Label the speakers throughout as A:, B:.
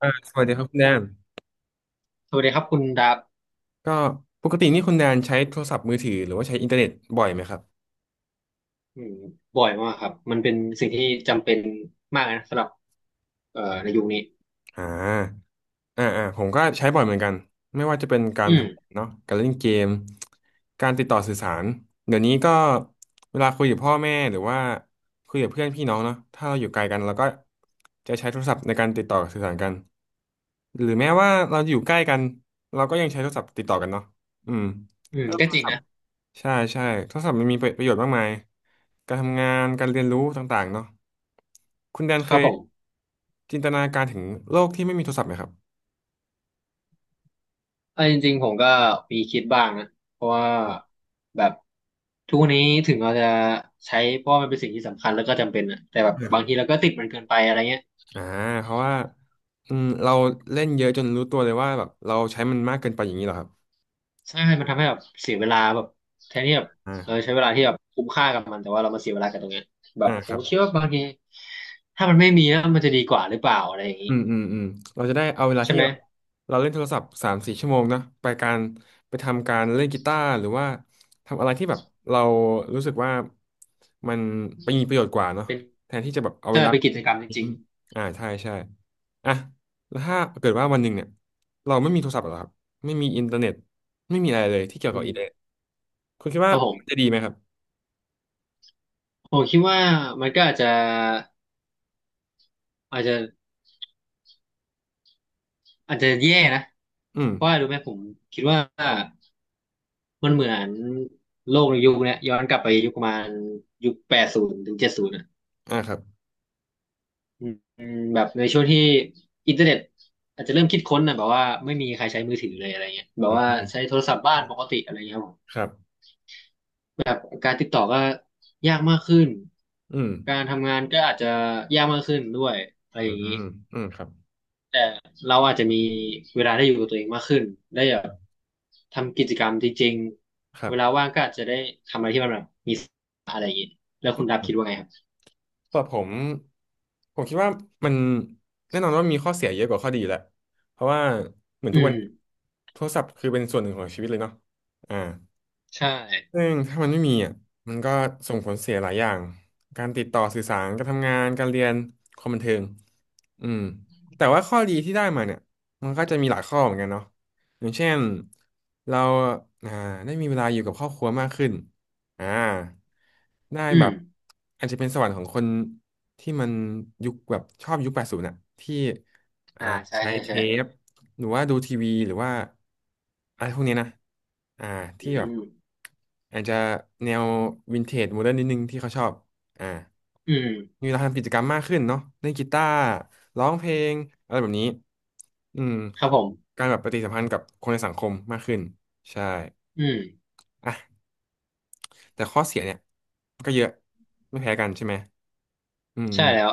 A: สวัสดีครับคุณแดน
B: สวัสดีครับคุณดาบ
A: ก็ปกตินี่คุณแดนใช้โทรศัพท์มือถือหรือว่าใช้อินเทอร์เน็ตบ่อยไหมครับ
B: อืมบ่อยมากครับมันเป็นสิ่งที่จำเป็นมากนะสำหรับในยุคนี้
A: อ่าผมก็ใช้บ่อยเหมือนกันไม่ว่าจะเป็นการ
B: อืม
A: ทำงานเนาะการเล่นเกมการติดต่อสื่อสารเดี๋ยวนี้ก็เวลาคุยกับพ่อแม่หรือว่าคุยกับเพื่อนพี่น้องเนาะถ้าเราอยู่ไกลกันเราก็จะใช้โทรศัพท์ในการติดต่อสื่อสารกันหรือแม้ว่าเราอยู่ใกล้กันเราก็ยังใช้โทรศัพท์ติดต่อกันเนาะอืม
B: อืม
A: แล้ว
B: ก็
A: โทร
B: จริง
A: ศัพ
B: นะ
A: ท์ ใช่ใช่โทรศัพท์มันมีประโยชน์มากมาย การทำงาน การเรียนรู้ต่างๆเนาะคุณแดน
B: ค
A: เค
B: รับ
A: ย
B: ผม
A: จินตนาการถึงโลกที่ไม่มีโทรศัพท์ไหมครับ
B: เออจริงๆผมก็มีคิดบ้างนะเพราะว่าแบบทุกวันนี้ถึงเราจะใช้เพราะว่ามันเป็นสิ่งที่สำคัญแล้วก็จำเป็นนะแต่แบบ
A: ไม่ค
B: บา
A: รั
B: ง
A: บ
B: ทีเราก็ติดมันเกินไปอะไรเงี้ย
A: อ่าเพราะว่าเราเล่นเยอะจนรู้ตัวเลยว่าแบบเราใช้มันมากเกินไปอย่างนี้เหรอครับ
B: ใช่มันทำให้แบบเสียเวลาแบบแทนที่แบบเออ
A: อ่า
B: ใช้เวลาที่แบบคุ้มค่ากับมันแต่ว่าเรามาเสียเวลากับตรงเนี้ยแบบผ
A: ครั
B: ม
A: บ
B: คิดว่าบางทีถ้ามันไม่มีแล้วมันจะดีกว่าหรือเปล่าอะไรอย่างนี้
A: อืมอืมอืมเราจะได้เอาเวลา
B: ใช่
A: ที่
B: ไหม
A: แบบเราเล่นโทรศัพท์3-4 ชั่วโมงนะไปการไปทำการเล่นกีตาร์หรือว่าทำอะไรที่แบบเรารู้สึกว่ามันไปมีประโยชน์กว่าเนาะ
B: เป็น
A: แทนที่จะแบบเอาเว
B: ใช่
A: ลา
B: เป็นกิจกรรมจ
A: ทิ้ง
B: ริง
A: ใช่ใช่อ่ะแล้วถ้าเกิดว่าวันหนึ่งเนี่ยเราไม่มีโทรศัพท์หรอกครับไม่มีอินเทอร์เน็ตไม่มีอะไรเลยที่เกี่ย
B: ๆ
A: ว
B: อื
A: กับอิ
B: ม
A: นเทอร์เน็ตคุณคิด
B: ค
A: ว่า
B: รับผ
A: จะ
B: ม
A: ดีไหมครับ
B: ผมคิดว่ามันก็อาจจะอาจจะแย่นะ
A: อืม
B: เพราะว่ารู้ไหมผมคิดว่ามันเหมือนโลกในยุคเนี้ยย้อนกลับไปยุคประมาณยุค80ถึง70อ่ะ
A: อ่าครับ
B: อืมอืมแบบในช่วงที่อินเทอร์เน็ตอาจจะเริ่มคิดค้นนะแบบว่าไม่มีใครใช้มือถือเลยอะไรเงี้ยแบบ
A: อืม
B: ว่า
A: อืม
B: ใช้โทรศัพท์บ้านปกติอะไรเงี้ยครับผม
A: ครับ
B: แบบการติดต่อก็ยากมากขึ้น
A: อืม
B: การทำงานก็อาจจะยากมากขึ้นด้วยอะไร
A: อื
B: อ
A: ม
B: ย่าง
A: อื
B: นี้
A: มอืมครับ
B: แต่เราอาจจะมีเวลาได้อยู่กับตัวเองมากขึ้นได้แบบทำกิจกรรมจริง
A: ค
B: ๆ
A: รั
B: เวลา
A: บ
B: ว่างก็อาจจะได้ทำอะไรที่มันแบบมีแล้วคุณดับคิดว่าไงครับ
A: แต่ผมคิดว่ามันแน่นอนว่ามีข้อเสียเยอะกว่าข้อดีแหละเพราะว่าเหมือน
B: อื
A: ทุกวัน
B: ม
A: โทรศัพท์คือเป็นส่วนหนึ่งของชีวิตเลยเนาะอ่า
B: ใช่
A: ซึ่งถ้ามันไม่มีอ่ะมันก็ส่งผลเสียหลายอย่างการติดต่อสื่อสารการทำงานการเรียนความบันเทิงอืมแต่ว่าข้อดีที่ได้มาเนี่ยมันก็จะมีหลายข้อเหมือนกันเนาะอย่างเช่นเราอ่าได้มีเวลาอยู่กับครอบครัวมากขึ้นอ่าได้
B: อื
A: แบ
B: ม
A: บอาจจะเป็นสวรรค์ของคนที่มันยุคแบบชอบยุค 80อ่ะที่อ่า
B: อ่าใช่
A: ใช้
B: ใช่
A: เท
B: ใช่
A: ป หรือว่าดูทีวีหรือว่าอะไรพวกนี้นะอ่า
B: อื
A: ที่แบบ
B: ม
A: อาจจะแนววินเทจโมเดิร์นนิดนึงที่เขาชอบอ่า
B: อืม
A: มีเวลาทำกิจกรรมมากขึ้นเนาะเล่นกีตาร์ร้องเพลงอะไรแบบนี้อืม
B: ครับผม
A: การแบบปฏิสัมพันธ์กับคนในสังคมมากขึ้นใช่
B: อืม
A: อ่ะแต่ข้อเสียเนี่ยก็เยอะไม่แพ้กันใช่ไหมอืม
B: ใช่แล้ว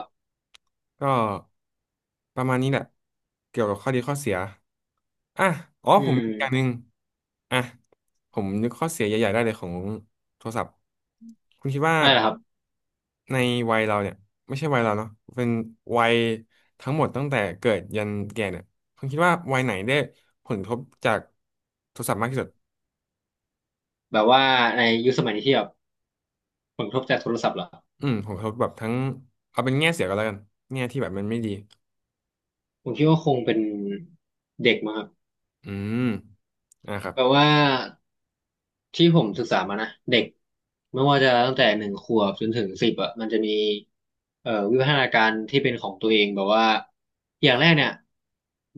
A: ก็ประมาณนี้แหละเกี่ยวกับข้อดีข้อเสียอ่ะอ๋อ
B: อื
A: ผมมี
B: ม
A: อกอย่างหนึ่งอ่ะผมนึกข้อเสียใหญ่ๆได้เลยของโทรศัพท์คุณคิดว่า
B: นั่นแหละครับ
A: ในวัยเราเนี่ยไม่ใช่วัยเราเนาะเป็นวัยทั้งหมดตั้งแต่เกิดยันแก่เนี่ยคุณคิดว่าวัยไหนได้ผลกระทบจากโทรศัพท์มากที่สุด
B: แบบว่าในยุคสมัยนี้ที่แบบผลกระทบจากโทรศัพท์เหรอ
A: อืมผลกระทบแบบทั้งเอาเป็นแง่เสียก็แล้วกันแง่ที่แบบมันไม่ดี
B: ผมคิดว่าคงเป็นเด็กมั้งครับ
A: อืมอ่ะครับ
B: แบบว่า ที่ผมศึกษามานะเด็กไม่ว่าจะตั้งแต่1 ขวบจนถึงสิบอ่ะมันจะมีวิวัฒนาการที่เป็นของตัวเองแบบว่าอย่างแรกเนี่ย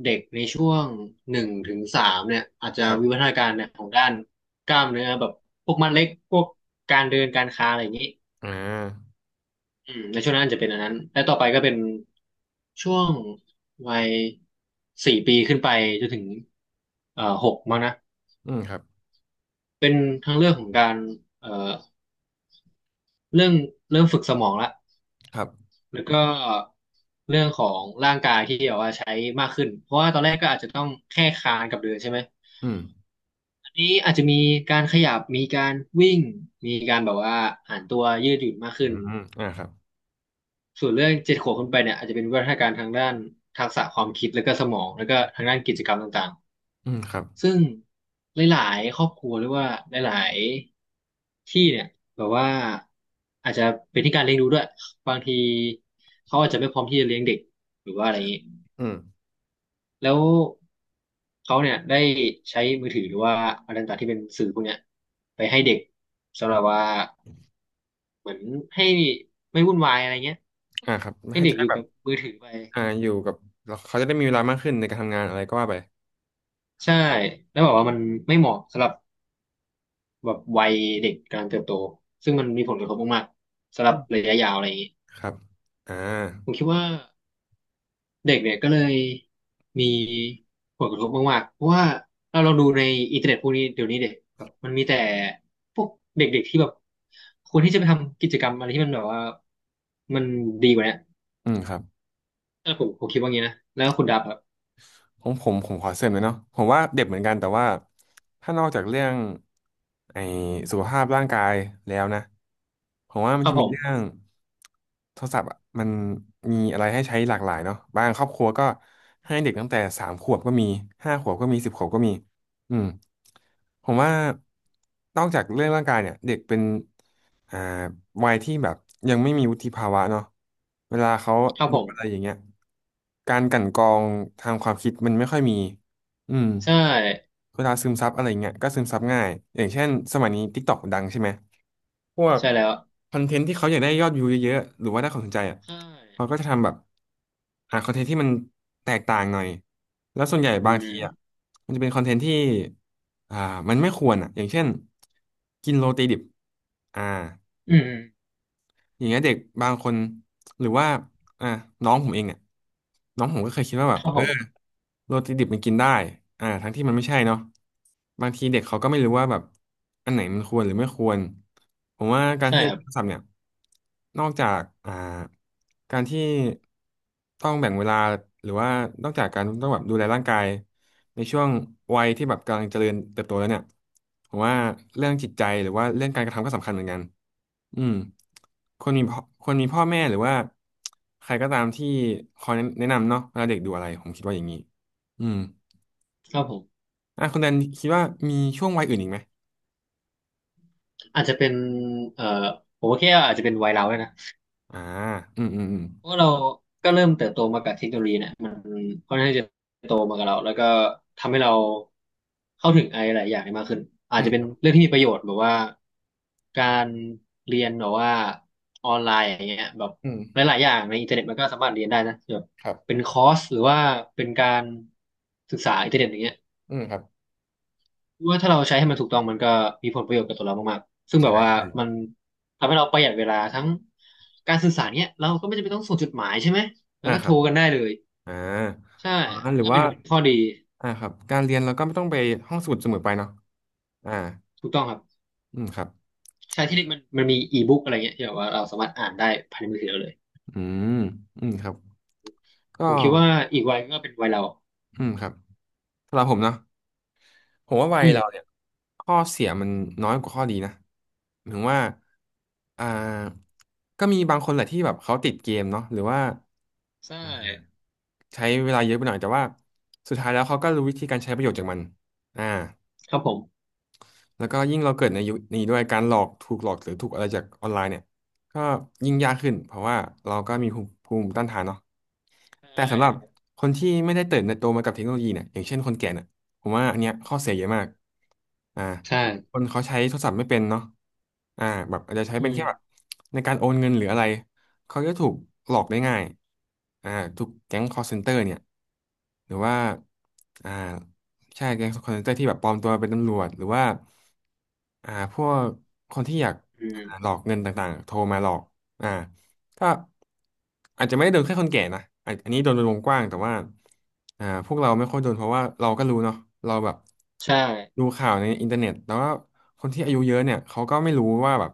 B: เด็กในช่วง1 ถึง 3เนี่ยอาจจะ
A: ครั
B: วิวั
A: บ
B: ฒนาการเนี่ยของด้านกล้ามเนื้อแบบพวกมัดเล็กพวกการเดินการคลานอะไรอย่างนี้
A: อ่า
B: อืมในช่วงนั้นจะเป็นอันนั้นและต่อไปก็เป็นช่วงวัย4 ปีขึ้นไปจนถึง6มั้งนะ
A: อืมครับ
B: เป็นทั้งเรื่องของการเอ่อ เรื่องเริ่มฝึกสมองละ
A: ครับ
B: แล้วก็เรื่องของร่างกายที่แบบว่าใช้มากขึ้นเพราะว่าตอนแรกก็อาจจะต้องแค่คลานกับเดินใช่ไหม
A: อืม
B: อันนี้อาจจะมีการขยับมีการวิ่งมีการแบบว่าหันตัวยืดหยุ่นมาก
A: อื
B: ขึ้น
A: มอ่าครับ
B: ส่วนเรื่อง7 ขวบขึ้นไปเนี่ยอาจจะเป็นวิวัฒนาการทางด้านทักษะความคิดแล้วก็สมองแล้วก็ทางด้านกิจกรรมต่างๆ
A: อืมครับ
B: ซึ่งหลายๆครอบครัวหรือว่าหลายๆที่เนี่ยแบบว่าอาจจะเป็นที่การเลี้ยงดูด้วยบางทีเขาอาจจะไม่พร้อมที่จะเลี้ยงเด็กหรือว่าอะไรอย่างนี้
A: อืม
B: แล้วเขาเนี่ยได้ใช้มือถือหรือว่าอะไรต่างๆที่เป็นสื่อพวกเนี้ยไปให้เด็กสำหรับว่าเหมือนให้ไม่วุ่นวายอะไรเงี้ย
A: อ่าครับ
B: ให้
A: ให้
B: เด็
A: จะ
B: กอ
A: ได้
B: ยู่
A: แบ
B: กั
A: บ
B: บมือถือไป
A: อ่าอยู่กับแล้วเขาจะได้มีเวลามากขึ้นในการทำงานอะไรก็ว่าไป
B: ใช่แล้วบอกว่ามันไม่เหมาะสำหรับ แบบวัยเด็กกำลังเติบโตซึ่งมันมีผลกระทบมากๆสำหรั
A: อื
B: บ
A: ม
B: ระยะยาวอะไรอย่างนี้
A: ครับ อ่า
B: ผมคิดว่าเด็กเนี่ยก็เลยมีผลกระทบมากๆเพราะว่าเราลองดูในอินเทอร์เน็ตพวกนี้เดี๋ยวนี้เด็กแบบมันมีแต่พวกเด็กๆที่แบบควรที่จะไปทำกิจกรรมอะไรที่มันแบบว่ามันดีกว่าเนี้ย
A: อืมครับ
B: แล้วผมคิดว่างี้นะแล้วคุณดับครับ
A: ผมขอเสริมเลยเนาะผมว่าเด็กเหมือนกันแต่ว่าถ้านอกจากเรื่องไอ้สุขภาพร่างกายแล้วนะผมว่ามั
B: ค
A: น
B: รั
A: จะ
B: บผ
A: มีเรื่อง
B: ม
A: โทรศัพท์อะมันมีอะไรให้ใช้หลากหลายเนาะบางครอบครัวก็ให้เด็กตั้งแต่3 ขวบก็มี5 ขวบก็มี10 ขวบก็มีอืมผมว่านอกจากเรื่องร่างกายเนี่ยเด็กเป็น อ่าวัยที่แบบยังไม่มีวุฒิภาวะเนาะเวลาเขา
B: ครับ
A: ดู
B: ผม
A: อะไรอย่างเงี้ยการกลั่นกรองทางความคิดมันไม่ค่อยมีอืม
B: ใช่
A: เวลาซึมซับอะไรเงี้ยก็ซึมซับง่ายอย่างเช่นสมัยนี้ TikTok ดังใช่ไหมพวก
B: ใช่แล้ว
A: คอนเทนต์ที่เขาอยากได้ยอดวิวเยอะๆหรือว่าได้ความสนใจอ่ะ
B: ใช่
A: เขาก็จะทำแบบหาคอนเทนต์ที่มันแตกต่างหน่อยแล้วส่วนใหญ่
B: อื
A: บางทีอ่ะ
B: ม
A: มันจะเป็นคอนเทนต์ที่อ่ามันไม่ควรอ่ะอย่างเช่นกินโรตีดิบอ่า
B: อืมอืม
A: อย่างเงี้ยเด็กบางคนหรือว่าอ่ะน้องผมเองเนี่ยน้องผมก็เคยคิดว่าแบ
B: ค
A: บ
B: รับ
A: เอ
B: ผม
A: โรตีดิบมันกินได้ทั้งที่มันไม่ใช่เนาะบางทีเด็กเขาก็ไม่รู้ว่าแบบอันไหนมันควรหรือไม่ควรผมว่าการ
B: ใช่
A: ที่
B: ครับ
A: ใช้ศัพท์เนี่ย นอกจากการที่ต้องแบ่งเวลา หรือว่านอกจากการต้องแบบดูแลร่างกายในช่วงวัยที่แบบกำลังเจริญเติบโตแล้วเนี่ย ผมว่าเรื่องจิตใจหรือว่าเรื่องการกระทำก็สำคัญเหมือนกันอืมคนมีพ่อแม่หรือว่าใครก็ตามที่คอยแนะนำเนาะเวลาเด็กดูอะไรผมคิดว่าอย่างนี้ อืม
B: ครับผม
A: อ่ะคุณแดนคิดว่ามีช่วงวัยอื่นอีกไหม
B: อาจจะเป็นเอ่อผมว่าแค่อาจจะเป็นวัยเราด้วยนะ
A: อ่าอืมอืมอืม
B: เพราะเราก็เริ่มเติบโตมากับเทคโนโลยีเนี่ยมันค่อนข้างจะโตมากับเราแล้วก็ทำให้เราเข้าถึงอะไรหลายอย่างได้มากขึ้นอา
A: อื
B: จ
A: ม
B: จะเป็
A: ค
B: น
A: รับ
B: เรื่องที่มีประโยชน์แบบว่าการเรียนแบบว่าออนไลน์อย่างเงี้ยแบบ
A: อืม
B: หลายๆอย่างในอินเทอร์เน็ตมันก็สามารถเรียนได้นะแบบ
A: ครับ
B: เป็นคอร์สหรือว่าเป็นการศึกษาอินเทอร์เน็ตอย่างเงี้ย
A: อืมครับ
B: ว่าถ้าเราใช้ให้มันถูกต้องมันก็มีผลประโยชน์กับตัวเรามากๆซึ่งแบ
A: ใช่
B: บว่า
A: ใช่
B: มันทำให้เราประหยัดเวลาทั้งการสื่อสารเนี้ยเราก็ไม่จำเป็นต้องส่งจดหมายใช่ไหมมั
A: อ่า
B: นก็
A: ค
B: โท
A: รั
B: ร
A: บ
B: กันได้เลย
A: อ่า
B: ใช่
A: ออ
B: อัน
A: หรื
B: นี้
A: อ
B: ก็เป็
A: ว่า
B: นข้อดี
A: อ่าครับการเรียนเราก็ไม่ต้องไปห้องสมุดเสมอไปเนาะอ่า
B: ถูกต้องครับ
A: อืมครับ
B: ใช้ที่นี่มันมีอีบุ๊กอะไรเงี้ยที่แบบว่าเราสามารถอ่านได้ภายในมือถือเราเลย
A: อืมอืมครับ
B: ผ
A: ก็
B: มคิดว่าอีกวัยก็เป็นวัยเรา
A: อืมครับสำหรับผมเนาะผมว่าวัย
B: อื
A: เราเนี่
B: ม
A: ยข้อเสียมันน้อยกว่าข้อดีนะหมายถึงว่าอ่าก็มีบางคนแหละที่แบบเขาติดเกมเนาะหรือว่า
B: ใช่
A: ใช้เวลาเยอะไปหน่อยแต่ว่าสุดท้ายแล้วเขาก็รู้วิธีการใช้ประโยชน์จากมันอ่า
B: ครับผม
A: แล้วก็ยิ่งเราเกิดในยุคนี้ด้วยการหลอกถูกหลอกหรือถูกอะไรจากออนไลน์เนี่ยก็ยิ่งยากขึ้นเพราะว่าเราก็มีภูมิต้านทานเนาะ
B: ใช
A: แต่สำหรับ
B: ่
A: คนที่ไม่ได้เติบโตมากับเทคโนโลยีเนี่ยอย่างเช่นคนแก่เนี่ยผมว่าอันเนี้ยข้อเสียเยอะมากอ่า
B: ใช่
A: คนเขาใช้โทรศัพท์ไม่เป็นเนาะอ่าแบบอาจจะใช้
B: อื
A: เป็น
B: ม
A: แค่แบบในการโอนเงินหรืออะไรเขาจะถูกหลอกได้ง่ายอ่าถูกแก๊ง call center เนี่ยหรือว่าอ่า ใช่แก๊งคอลเซ็นเตอร์ที่แบบปลอมตัวเป็นตำรวจหรือว่าอ่าพวกคนที่อยาก
B: อืม
A: อ่าหลอกเงินต่างๆโทรมาหลอกอ่าก็อาจจะไม่ได้โดนแค่คนแก่นะอาจอันนี้โดนเป็นวงกว้างแต่ว่าอ่าพวกเราไม่ค่อยโดนเพราะว่าเราก็รู้เนาะเราแบบ
B: ใช่
A: ดูข่าวในอินเทอร์เน็ตแต่วว่าคนที่อายุเยอะเนี่ยเขาก็ไม่รู้ว่าแบบ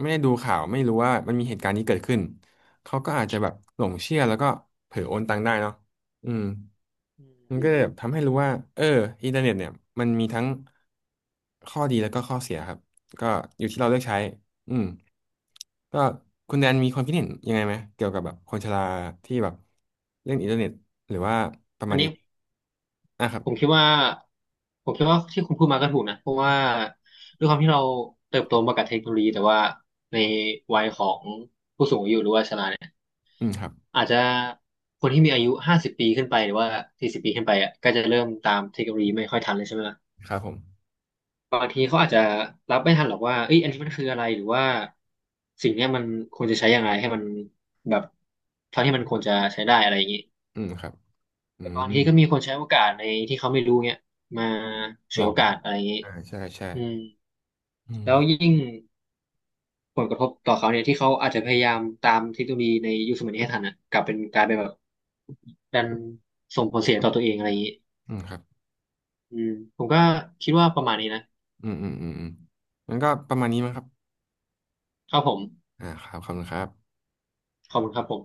A: ไม่ได้ดูข่าวไม่รู้ว่ามันมีเหตุการณ์นี้เกิดขึ้นเขาก็อาจจะแบบหลงเชื่อแล้วก็เผลอโอนตังค์ได้เนาะอืม
B: อื
A: มันก็
B: ม
A: เลยแบบทำให้รู้ว่าเอออินเทอร์เน็ตเนี่ยมันมีทั้งข้อดีแล้วก็ข้อเสียครับก็อยู่ที่เราเลือกใช้อืมก็คุณแดนมีความคิดเห็นยังไงไหมเกี่ยวกับแบบคนชราที่แบบเล่นอินเทอร์เน็ตหรือว่าประมา
B: อัน
A: ณนี้
B: นี้
A: อ่ะครับ
B: ผมคิดว่าผมคิดว่าที่คุณพูดมาก็ถูกนะเพราะว่าด้วยความที่เราเติบโตมากับเทคโนโลยีแต่ว่าในวัยของผู้สูงอายุหรือว่าชราเนี่ย
A: อืมครับ
B: อาจจะคนที่มีอายุ50 ปีขึ้นไปหรือว่า40 ปีขึ้นไปอ่ะก็จะเริ่มตามเทคโนโลยีไม่ค่อยทันเลยใช่ไหมล่ะ
A: ครับผม
B: บางทีเขาอาจจะรับไม่ทันหรอกว่าเอ้ยอันนี้มันคืออะไรหรือว่าสิ่งเนี้ยมันควรจะใช้ยังไงให้มันแบบเท่าที่มันควรจะใช้ได้อะไรอย่างนี้
A: อืมครับอื
B: แต่บาง
A: ม
B: ทีก็มีคนใช้โอกาสในที่เขาไม่รู้เงี้ยมาฉ
A: หล
B: วย
A: อ
B: โอ
A: ก
B: กาสอะไรอย่างนี้
A: อ่าใช่ใช่
B: อืม
A: อืม
B: แล้วยิ่งผลกระทบต่อเขาเนี่ยที่เขาอาจจะพยายามตามเทคโนโลยีในยุคสมัยนี้ให้ทันอ่ะกลายเป็นแบบดันส่งผลเสียต่อตัวเองอะไรอย่างนี้
A: อืมครับ
B: อืมผมก็คิดว่าประมาณนี้นะ
A: อืมอืมอืมอืมมันก็ประมาณนี้มั้งครับ
B: ครับผม
A: อ่าครับขอบคุณครับ
B: ขอบคุณครับผม